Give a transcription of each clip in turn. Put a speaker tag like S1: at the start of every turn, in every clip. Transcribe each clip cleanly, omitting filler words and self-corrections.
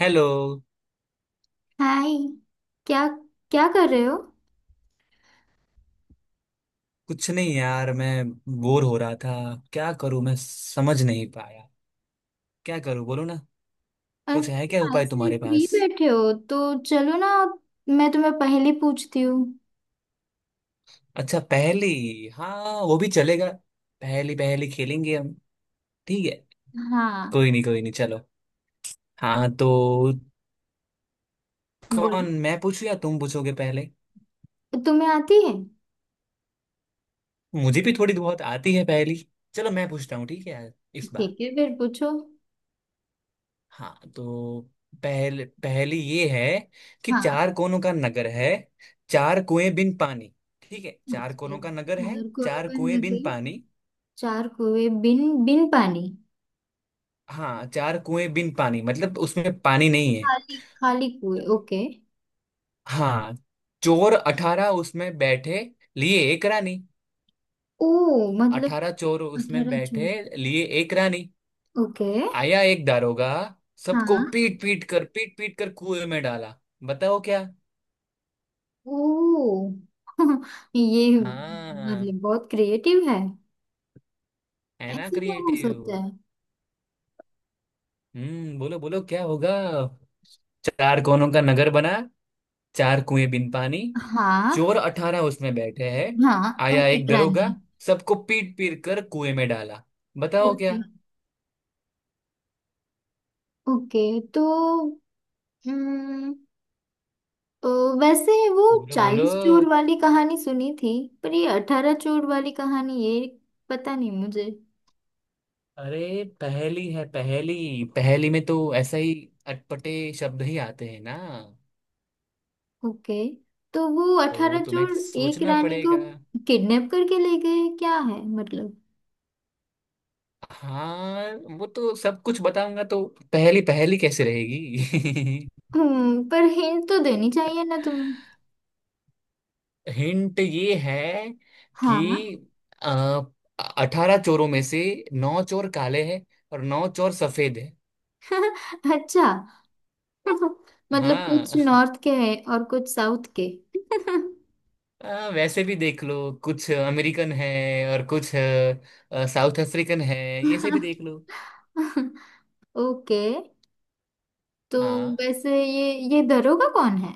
S1: Hello.
S2: Hi. क्या क्या कर रहे हो?
S1: कुछ नहीं यार, मैं बोर हो रहा था। क्या करूं, मैं समझ नहीं पाया। क्या करूं बोलो ना। कुछ है क्या
S2: अच्छा,
S1: उपाय
S2: ऐसे
S1: तुम्हारे
S2: फ्री
S1: पास?
S2: बैठे हो तो चलो ना, मैं तुम्हें पहले पूछती हूँ।
S1: अच्छा पहेली, हाँ वो भी चलेगा। पहेली पहेली खेलेंगे हम। ठीक है।
S2: हाँ,
S1: कोई नहीं चलो। हाँ तो कौन,
S2: बोलो।
S1: मैं पूछूं या तुम पूछोगे पहले?
S2: तुम्हें आती है?
S1: मुझे भी थोड़ी बहुत आती है पहेली। चलो मैं पूछता हूँ, ठीक है इस बार।
S2: ठीक है, फिर पूछो।
S1: हाँ तो पहले पहली ये है कि
S2: हाँ।
S1: चार कोनों का नगर है, चार कुएं बिन पानी। ठीक है, चार
S2: अच्छा,
S1: कोनों का नगर है,
S2: चार कोनों
S1: चार
S2: पर
S1: कुएं बिन
S2: नगर,
S1: पानी।
S2: चार कुएं बिन बिन पानी।
S1: हाँ, चार कुएं बिन पानी मतलब उसमें पानी नहीं है।
S2: खाली खाली कुएं। ओके।
S1: हाँ, चोर अठारह उसमें बैठे, लिए एक रानी।
S2: ओ, मतलब
S1: अठारह चोर उसमें
S2: 18 जून?
S1: बैठे, लिए एक रानी।
S2: ओके।
S1: आया एक दारोगा, सबको
S2: हाँ।
S1: पीट पीट कर कुएं में डाला। बताओ क्या।
S2: ओ। ये
S1: हाँ,
S2: मतलब बहुत क्रिएटिव है।
S1: है ना
S2: ऐसे क्या हो
S1: क्रिएटिव।
S2: सकता है?
S1: हम्म, बोलो बोलो क्या होगा। चार कोनों का नगर बना, चार कुएं बिन पानी,
S2: हाँ,
S1: चोर अठारह उसमें बैठे हैं,
S2: हाँ, और
S1: आया एक
S2: एक रानी।
S1: दरोगा, सबको पीट पीट कर कुएं में डाला। बताओ
S2: ओके।
S1: क्या।
S2: ओके तो हम्म अ, वैसे वो
S1: बोलो बोलो।
S2: 40 चोर वाली कहानी सुनी थी। पर ये 18 चोर वाली कहानी, ये पता नहीं मुझे।
S1: अरे पहेली है, पहेली पहेली में तो ऐसा ही अटपटे शब्द ही आते हैं ना।
S2: ओके तो वो
S1: तो वो
S2: अठारह
S1: तुम्हें
S2: चोर एक
S1: सोचना
S2: रानी को
S1: पड़ेगा।
S2: किडनैप करके ले गए, क्या है मतलब?
S1: हाँ, वो तो सब कुछ बताऊंगा तो पहेली पहेली कैसे रहेगी।
S2: पर हिंट तो देनी चाहिए ना तुम्हें।
S1: हिंट ये है कि
S2: हाँ।
S1: अठारह चोरों में से नौ चोर काले हैं और नौ चोर सफेद है।
S2: अच्छा। मतलब
S1: हाँ।
S2: कुछ नॉर्थ के हैं और कुछ साउथ के।
S1: वैसे भी देख लो, कुछ अमेरिकन है और कुछ साउथ अफ्रीकन है। ये से भी देख लो।
S2: ओके। तो
S1: हाँ,
S2: वैसे ये दरोगा कौन है?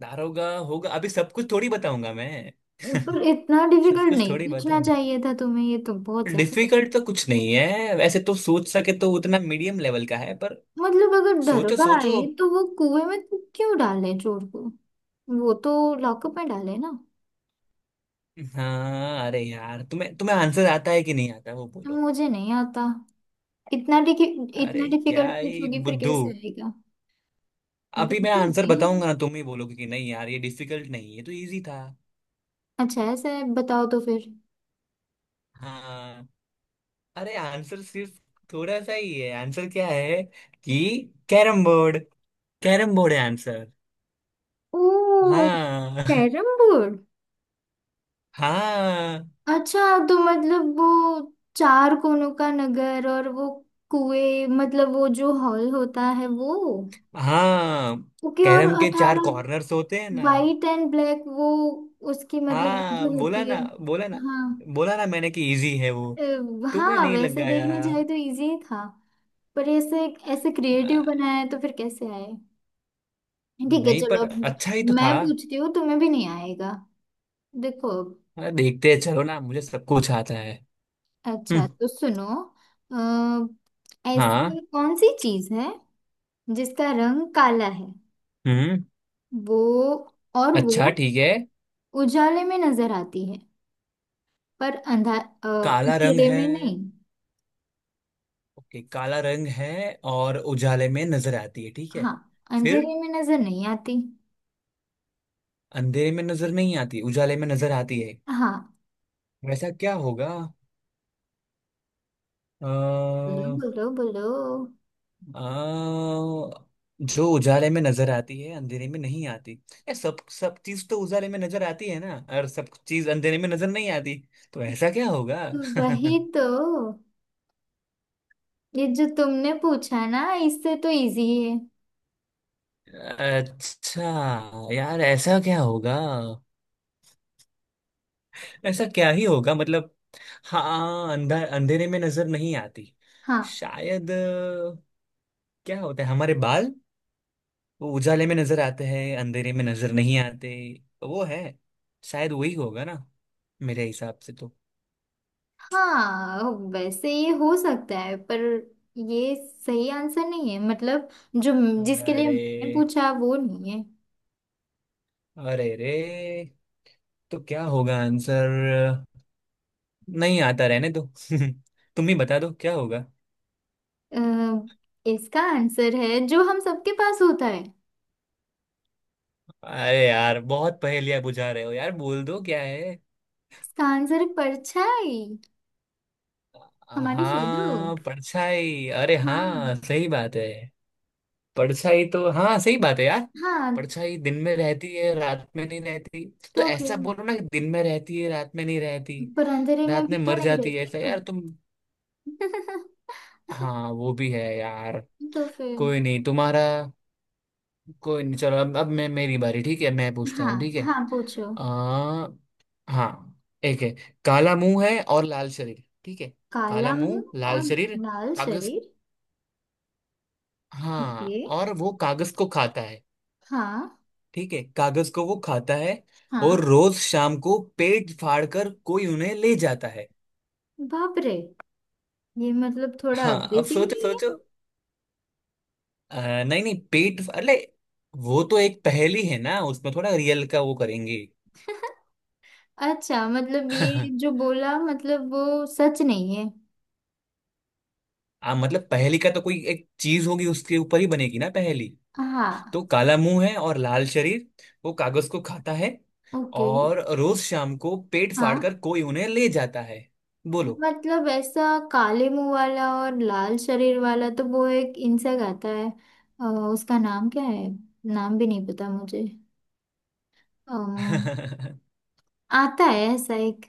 S1: दारोगा होगा, अभी सब कुछ थोड़ी बताऊंगा मैं।
S2: पर इतना
S1: सब
S2: डिफिकल्ट
S1: कुछ
S2: नहीं
S1: थोड़ी
S2: पूछना
S1: बताऊंगा।
S2: चाहिए था तुम्हें, ये तो बहुत ज्यादा।
S1: डिफिकल्ट तो कुछ नहीं है वैसे तो, सोच सके तो उतना मीडियम लेवल का है पर।
S2: मतलब अगर
S1: सोचो
S2: दरोगा आए
S1: सोचो।
S2: तो वो कुएं में तो क्यों डाले चोर को? वो तो लॉकअप में डाले ना।
S1: हाँ अरे यार, तुम्हें तुम्हें आंसर आता है कि नहीं आता वो बोलो।
S2: मुझे नहीं आता। इतना डिफि
S1: अरे
S2: इतना डिफिकल्ट
S1: क्या ही
S2: पूछोगी फिर
S1: बुद्धू।
S2: कैसे आएगा?
S1: अभी मैं
S2: बिल्कुल
S1: आंसर
S2: नहीं।
S1: बताऊंगा ना, तुम ही बोलोगे कि नहीं यार ये डिफिकल्ट नहीं, ये तो इजी था।
S2: अच्छा ऐसा है, बताओ तो फिर।
S1: हाँ, अरे आंसर सिर्फ थोड़ा सा ही है। आंसर क्या है कि कैरम बोर्ड। कैरम बोर्ड है आंसर।
S2: ओ,
S1: हाँ।
S2: Carrom board.
S1: हाँ।
S2: अच्छा, तो मतलब वो चार कोनों का नगर, और वो कुएं मतलब वो जो हॉल होता है वो।
S1: हाँ,
S2: ओके, और
S1: कैरम के चार
S2: 18
S1: कॉर्नर्स होते हैं ना।
S2: वाइट एंड ब्लैक वो, उसकी मतलब
S1: हाँ,
S2: जो
S1: बोला
S2: होती
S1: ना।
S2: है।
S1: बोला ना।
S2: हाँ।
S1: बोला ना मैंने कि इजी है वो। तुम्हें
S2: हाँ,
S1: नहीं
S2: वैसे
S1: लगाया?
S2: देखने जाए तो इजी ही था। पर ऐसे ऐसे
S1: आ,
S2: क्रिएटिव बनाया है तो फिर कैसे आए? ठीक है,
S1: नहीं
S2: चलो
S1: पर
S2: अब
S1: अच्छा ही तो
S2: मैं
S1: था।
S2: पूछती हूँ, तुम्हें भी नहीं आएगा, देखो।
S1: देखते हैं, चलो ना मुझे सब कुछ आता है।
S2: अच्छा,
S1: हम्म।
S2: तो सुनो। अ,
S1: हाँ।
S2: ऐसी कौन सी चीज है जिसका रंग काला है,
S1: हम्म।
S2: वो? और
S1: अच्छा
S2: वो
S1: ठीक है।
S2: उजाले में नजर आती है पर
S1: काला रंग
S2: अंधेरे
S1: है।
S2: में नहीं।
S1: ओके, काला रंग है और उजाले में नजर आती है, ठीक है।
S2: हाँ,
S1: फिर
S2: अंधेरे में नजर नहीं आती।
S1: अंधेरे में नजर नहीं आती, उजाले में नजर आती है,
S2: हाँ,
S1: वैसा क्या होगा? अ,
S2: बोलो बोलो बोलो।
S1: आ, जो उजाले में नजर आती है अंधेरे में नहीं आती। ये सब सब चीज तो उजाले में नजर आती है ना, और सब चीज अंधेरे में नजर नहीं आती। तो ऐसा क्या होगा?
S2: तो वही तो, ये जो तुमने पूछा ना, इससे तो इजी है।
S1: अच्छा यार, ऐसा क्या होगा? ऐसा क्या ही होगा मतलब। हाँ, अंधा अंधेरे में नजर नहीं आती।
S2: हाँ।
S1: शायद क्या होता है हमारे बाल, वो उजाले में नजर आते हैं अंधेरे में नजर नहीं आते। तो वो है, शायद वही होगा ना, मेरे हिसाब से तो।
S2: हाँ, वैसे ये हो सकता है, पर ये सही आंसर नहीं है, मतलब जो जिसके लिए
S1: अरे,
S2: मैंने पूछा वो नहीं है।
S1: अरे रे। तो क्या होगा आंसर? नहीं आता, रहने दो। तुम ही बता दो क्या होगा।
S2: अ, इसका आंसर है जो हम सबके पास होता है।
S1: अरे यार बहुत पहेलियां बुझा रहे हो यार, बोल दो क्या है।
S2: इसका आंसर है परछाई। हमारी शेडो।
S1: हाँ, परछाई। अरे
S2: हाँ।
S1: हाँ सही बात है। परछाई तो हाँ सही बात है यार।
S2: हाँ
S1: परछाई दिन में रहती है रात में नहीं रहती। तो
S2: तो फिर,
S1: ऐसा बोलो ना कि दिन में रहती है रात में नहीं रहती।
S2: पर अंधेरे में
S1: रात
S2: भी
S1: में
S2: तो
S1: मर
S2: नहीं
S1: जाती है
S2: रहती
S1: ऐसा यार तुम।
S2: ना।
S1: हाँ, वो भी है यार।
S2: तो फिर।
S1: कोई नहीं तुम्हारा। कोई नहीं चलो, अब मैं, मेरी बारी, ठीक है मैं पूछता
S2: हाँ,
S1: हूँ, ठीक है।
S2: हाँ पूछो।
S1: आ, हाँ, एक है काला मुंह है और लाल शरीर, ठीक है। काला
S2: काला
S1: मुंह
S2: मुंह
S1: लाल
S2: और
S1: शरीर।
S2: लाल
S1: कागज।
S2: शरीर। ओके।
S1: हाँ, और वो कागज को खाता है।
S2: हाँ।
S1: ठीक है, कागज को वो खाता है, और
S2: हाँ।
S1: रोज शाम को पेट फाड़ कर कोई उन्हें ले जाता है।
S2: बाप रे। ये मतलब थोड़ा
S1: हाँ अब
S2: अग्रेसिव
S1: सोचो
S2: नहीं
S1: सोचो। नहीं नहीं पेट, अरे वो तो एक पहेली है ना, उसमें थोड़ा रियल का वो करेंगे।
S2: है? अच्छा, मतलब ये जो बोला मतलब वो सच नहीं है?
S1: मतलब पहेली का तो कोई एक चीज होगी उसके ऊपर ही बनेगी ना पहेली। तो
S2: हाँ।
S1: काला मुंह है और लाल शरीर, वो कागज को खाता है
S2: ओके।
S1: और रोज शाम को पेट फाड़कर
S2: हाँ,
S1: कोई उन्हें ले जाता है। बोलो।
S2: मतलब ऐसा काले मुंह वाला और लाल शरीर वाला, तो वो एक इंसेक्ट आता है। अ, उसका नाम क्या है? नाम भी नहीं पता मुझे। अम, आता है ऐसा एक।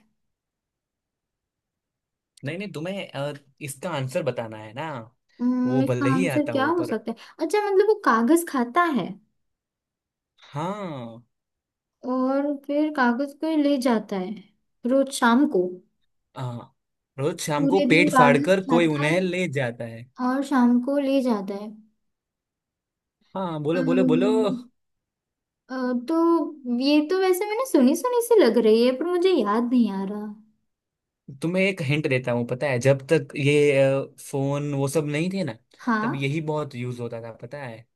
S1: नहीं नहीं, तुम्हें इसका आंसर बताना है ना। वो
S2: इसका
S1: भले ही
S2: आंसर
S1: आता
S2: क्या
S1: हो
S2: हो
S1: पर।
S2: सकता है? अच्छा, मतलब वो कागज खाता है
S1: हाँ,
S2: और फिर कागज को ले जाता है रोज शाम को।
S1: हाँ, रोज शाम को
S2: पूरे दिन
S1: पेट
S2: कागज
S1: फाड़कर कोई
S2: खाता है
S1: उन्हें ले जाता है।
S2: और शाम को ले जाता है।
S1: हाँ बोलो बोलो बोलो।
S2: अम्म, अ, तो ये तो वैसे मैंने सुनी सुनी सी लग रही है, पर मुझे याद नहीं आ रहा।
S1: तुम्हें एक हिंट देता हूँ, पता है जब तक ये फोन वो सब नहीं थे ना, तब
S2: हाँ।
S1: यही बहुत यूज होता था, पता है।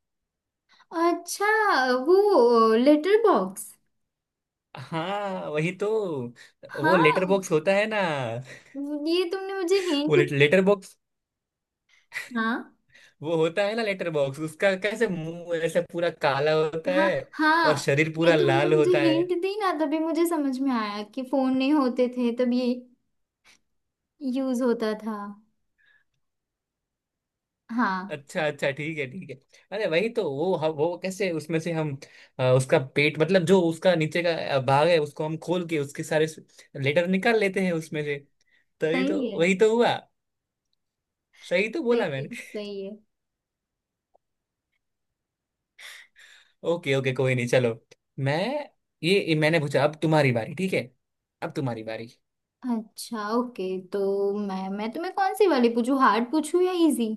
S2: अच्छा, वो लेटर बॉक्स।
S1: हाँ वही तो, वो लेटर
S2: हाँ,
S1: बॉक्स होता है ना।
S2: ये तुमने मुझे हिंट।
S1: Letter box.
S2: हाँ,
S1: वो होता है ना लेटर बॉक्स, उसका कैसे मुंह ऐसे पूरा काला होता
S2: हाँ,
S1: है और
S2: हाँ,
S1: शरीर पूरा
S2: ये तुमने
S1: लाल
S2: मुझे
S1: होता है।
S2: हिंट दी ना, तभी मुझे समझ में आया कि फोन नहीं होते थे तब ये यूज होता था। हाँ।
S1: अच्छा अच्छा ठीक है ठीक है। अरे वही तो वो वो कैसे उसमें से हम उसका पेट मतलब जो उसका नीचे का भाग है, उसको हम खोल के उसके सारे लेटर निकाल लेते हैं उसमें से। तो ये तो
S2: सही है।
S1: वही तो हुआ। सही तो
S2: सही
S1: बोला मैंने।
S2: है, सही है।
S1: ओके ओके कोई नहीं चलो। मैं, ये मैंने पूछा, अब तुम्हारी बारी, ठीक है अब तुम्हारी बारी।
S2: अच्छा, ओके। तो मैं तुम्हें कौन सी वाली पूछूं, हार्ड पूछूं या इजी?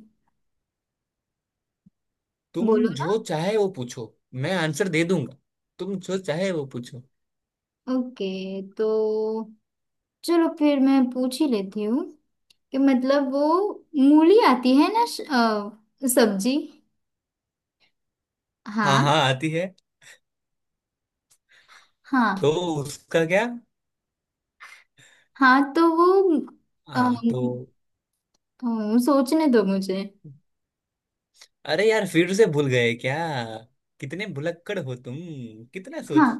S1: तुम
S2: बोलो ना।
S1: जो चाहे वो पूछो। मैं आंसर दे दूंगा। तुम जो चाहे वो पूछो।
S2: ओके। तो चलो फिर मैं पूछ ही लेती हूँ, कि मतलब वो मूली आती है ना, सब्जी।
S1: हाँ
S2: हाँ।
S1: हाँ आती है। तो
S2: हाँ।
S1: उसका क्या?
S2: हाँ तो वो, अम,
S1: हाँ तो
S2: सोचने दो मुझे।
S1: अरे यार फिर से भूल गए क्या? कितने भुलक्कड़ हो तुम, कितना
S2: हाँ,
S1: सोचे।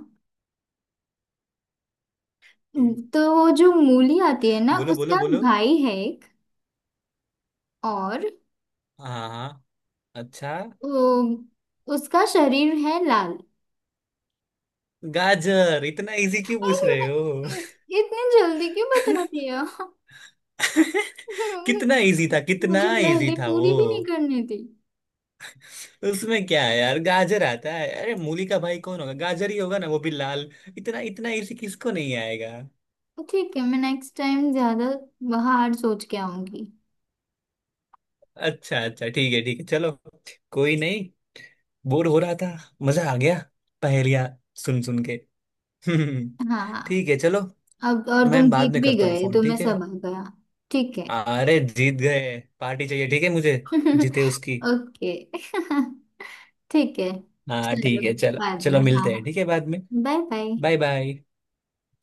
S2: तो वो जो मूली आती है ना,
S1: बोलो बोलो
S2: उसका
S1: बोलो।
S2: भाई है एक, और
S1: हाँ हाँ। अच्छा।
S2: अम, उसका शरीर है लाल।
S1: गाजर, इतना इजी क्यों पूछ रहे हो?
S2: इतनी जल्दी क्यों बता दिया?
S1: कितना इजी था, कितना
S2: मुझे
S1: इजी
S2: पहले
S1: था वो।
S2: पूरी भी नहीं करनी थी।
S1: उसमें क्या है यार, गाजर आता है, अरे मूली का भाई कौन होगा गाजर ही होगा ना, वो भी लाल। इतना इतना इजी किसको नहीं आएगा।
S2: तो ठीक है, मैं नेक्स्ट टाइम ज्यादा बाहर सोच के आऊंगी।
S1: अच्छा अच्छा ठीक है चलो। कोई नहीं। बोर हो रहा था, मजा आ गया पहेलियां सुन सुन के। हम्म।
S2: हाँ,
S1: ठीक है चलो।
S2: अब और तुम
S1: मैं बाद
S2: जीत
S1: में
S2: भी
S1: करता हूँ
S2: गए,
S1: फोन,
S2: तुम्हें
S1: ठीक है।
S2: सब आ गया। ठीक है।
S1: अरे जीत गए, पार्टी चाहिए ठीक है मुझे, जीते उसकी।
S2: ओके। ठीक है।
S1: हाँ ठीक
S2: चलो,
S1: है चलो
S2: बाद में।
S1: चलो
S2: हाँ,
S1: मिलते हैं
S2: हाँ,
S1: ठीक है बाद में।
S2: Bye
S1: bye
S2: bye.
S1: बाय।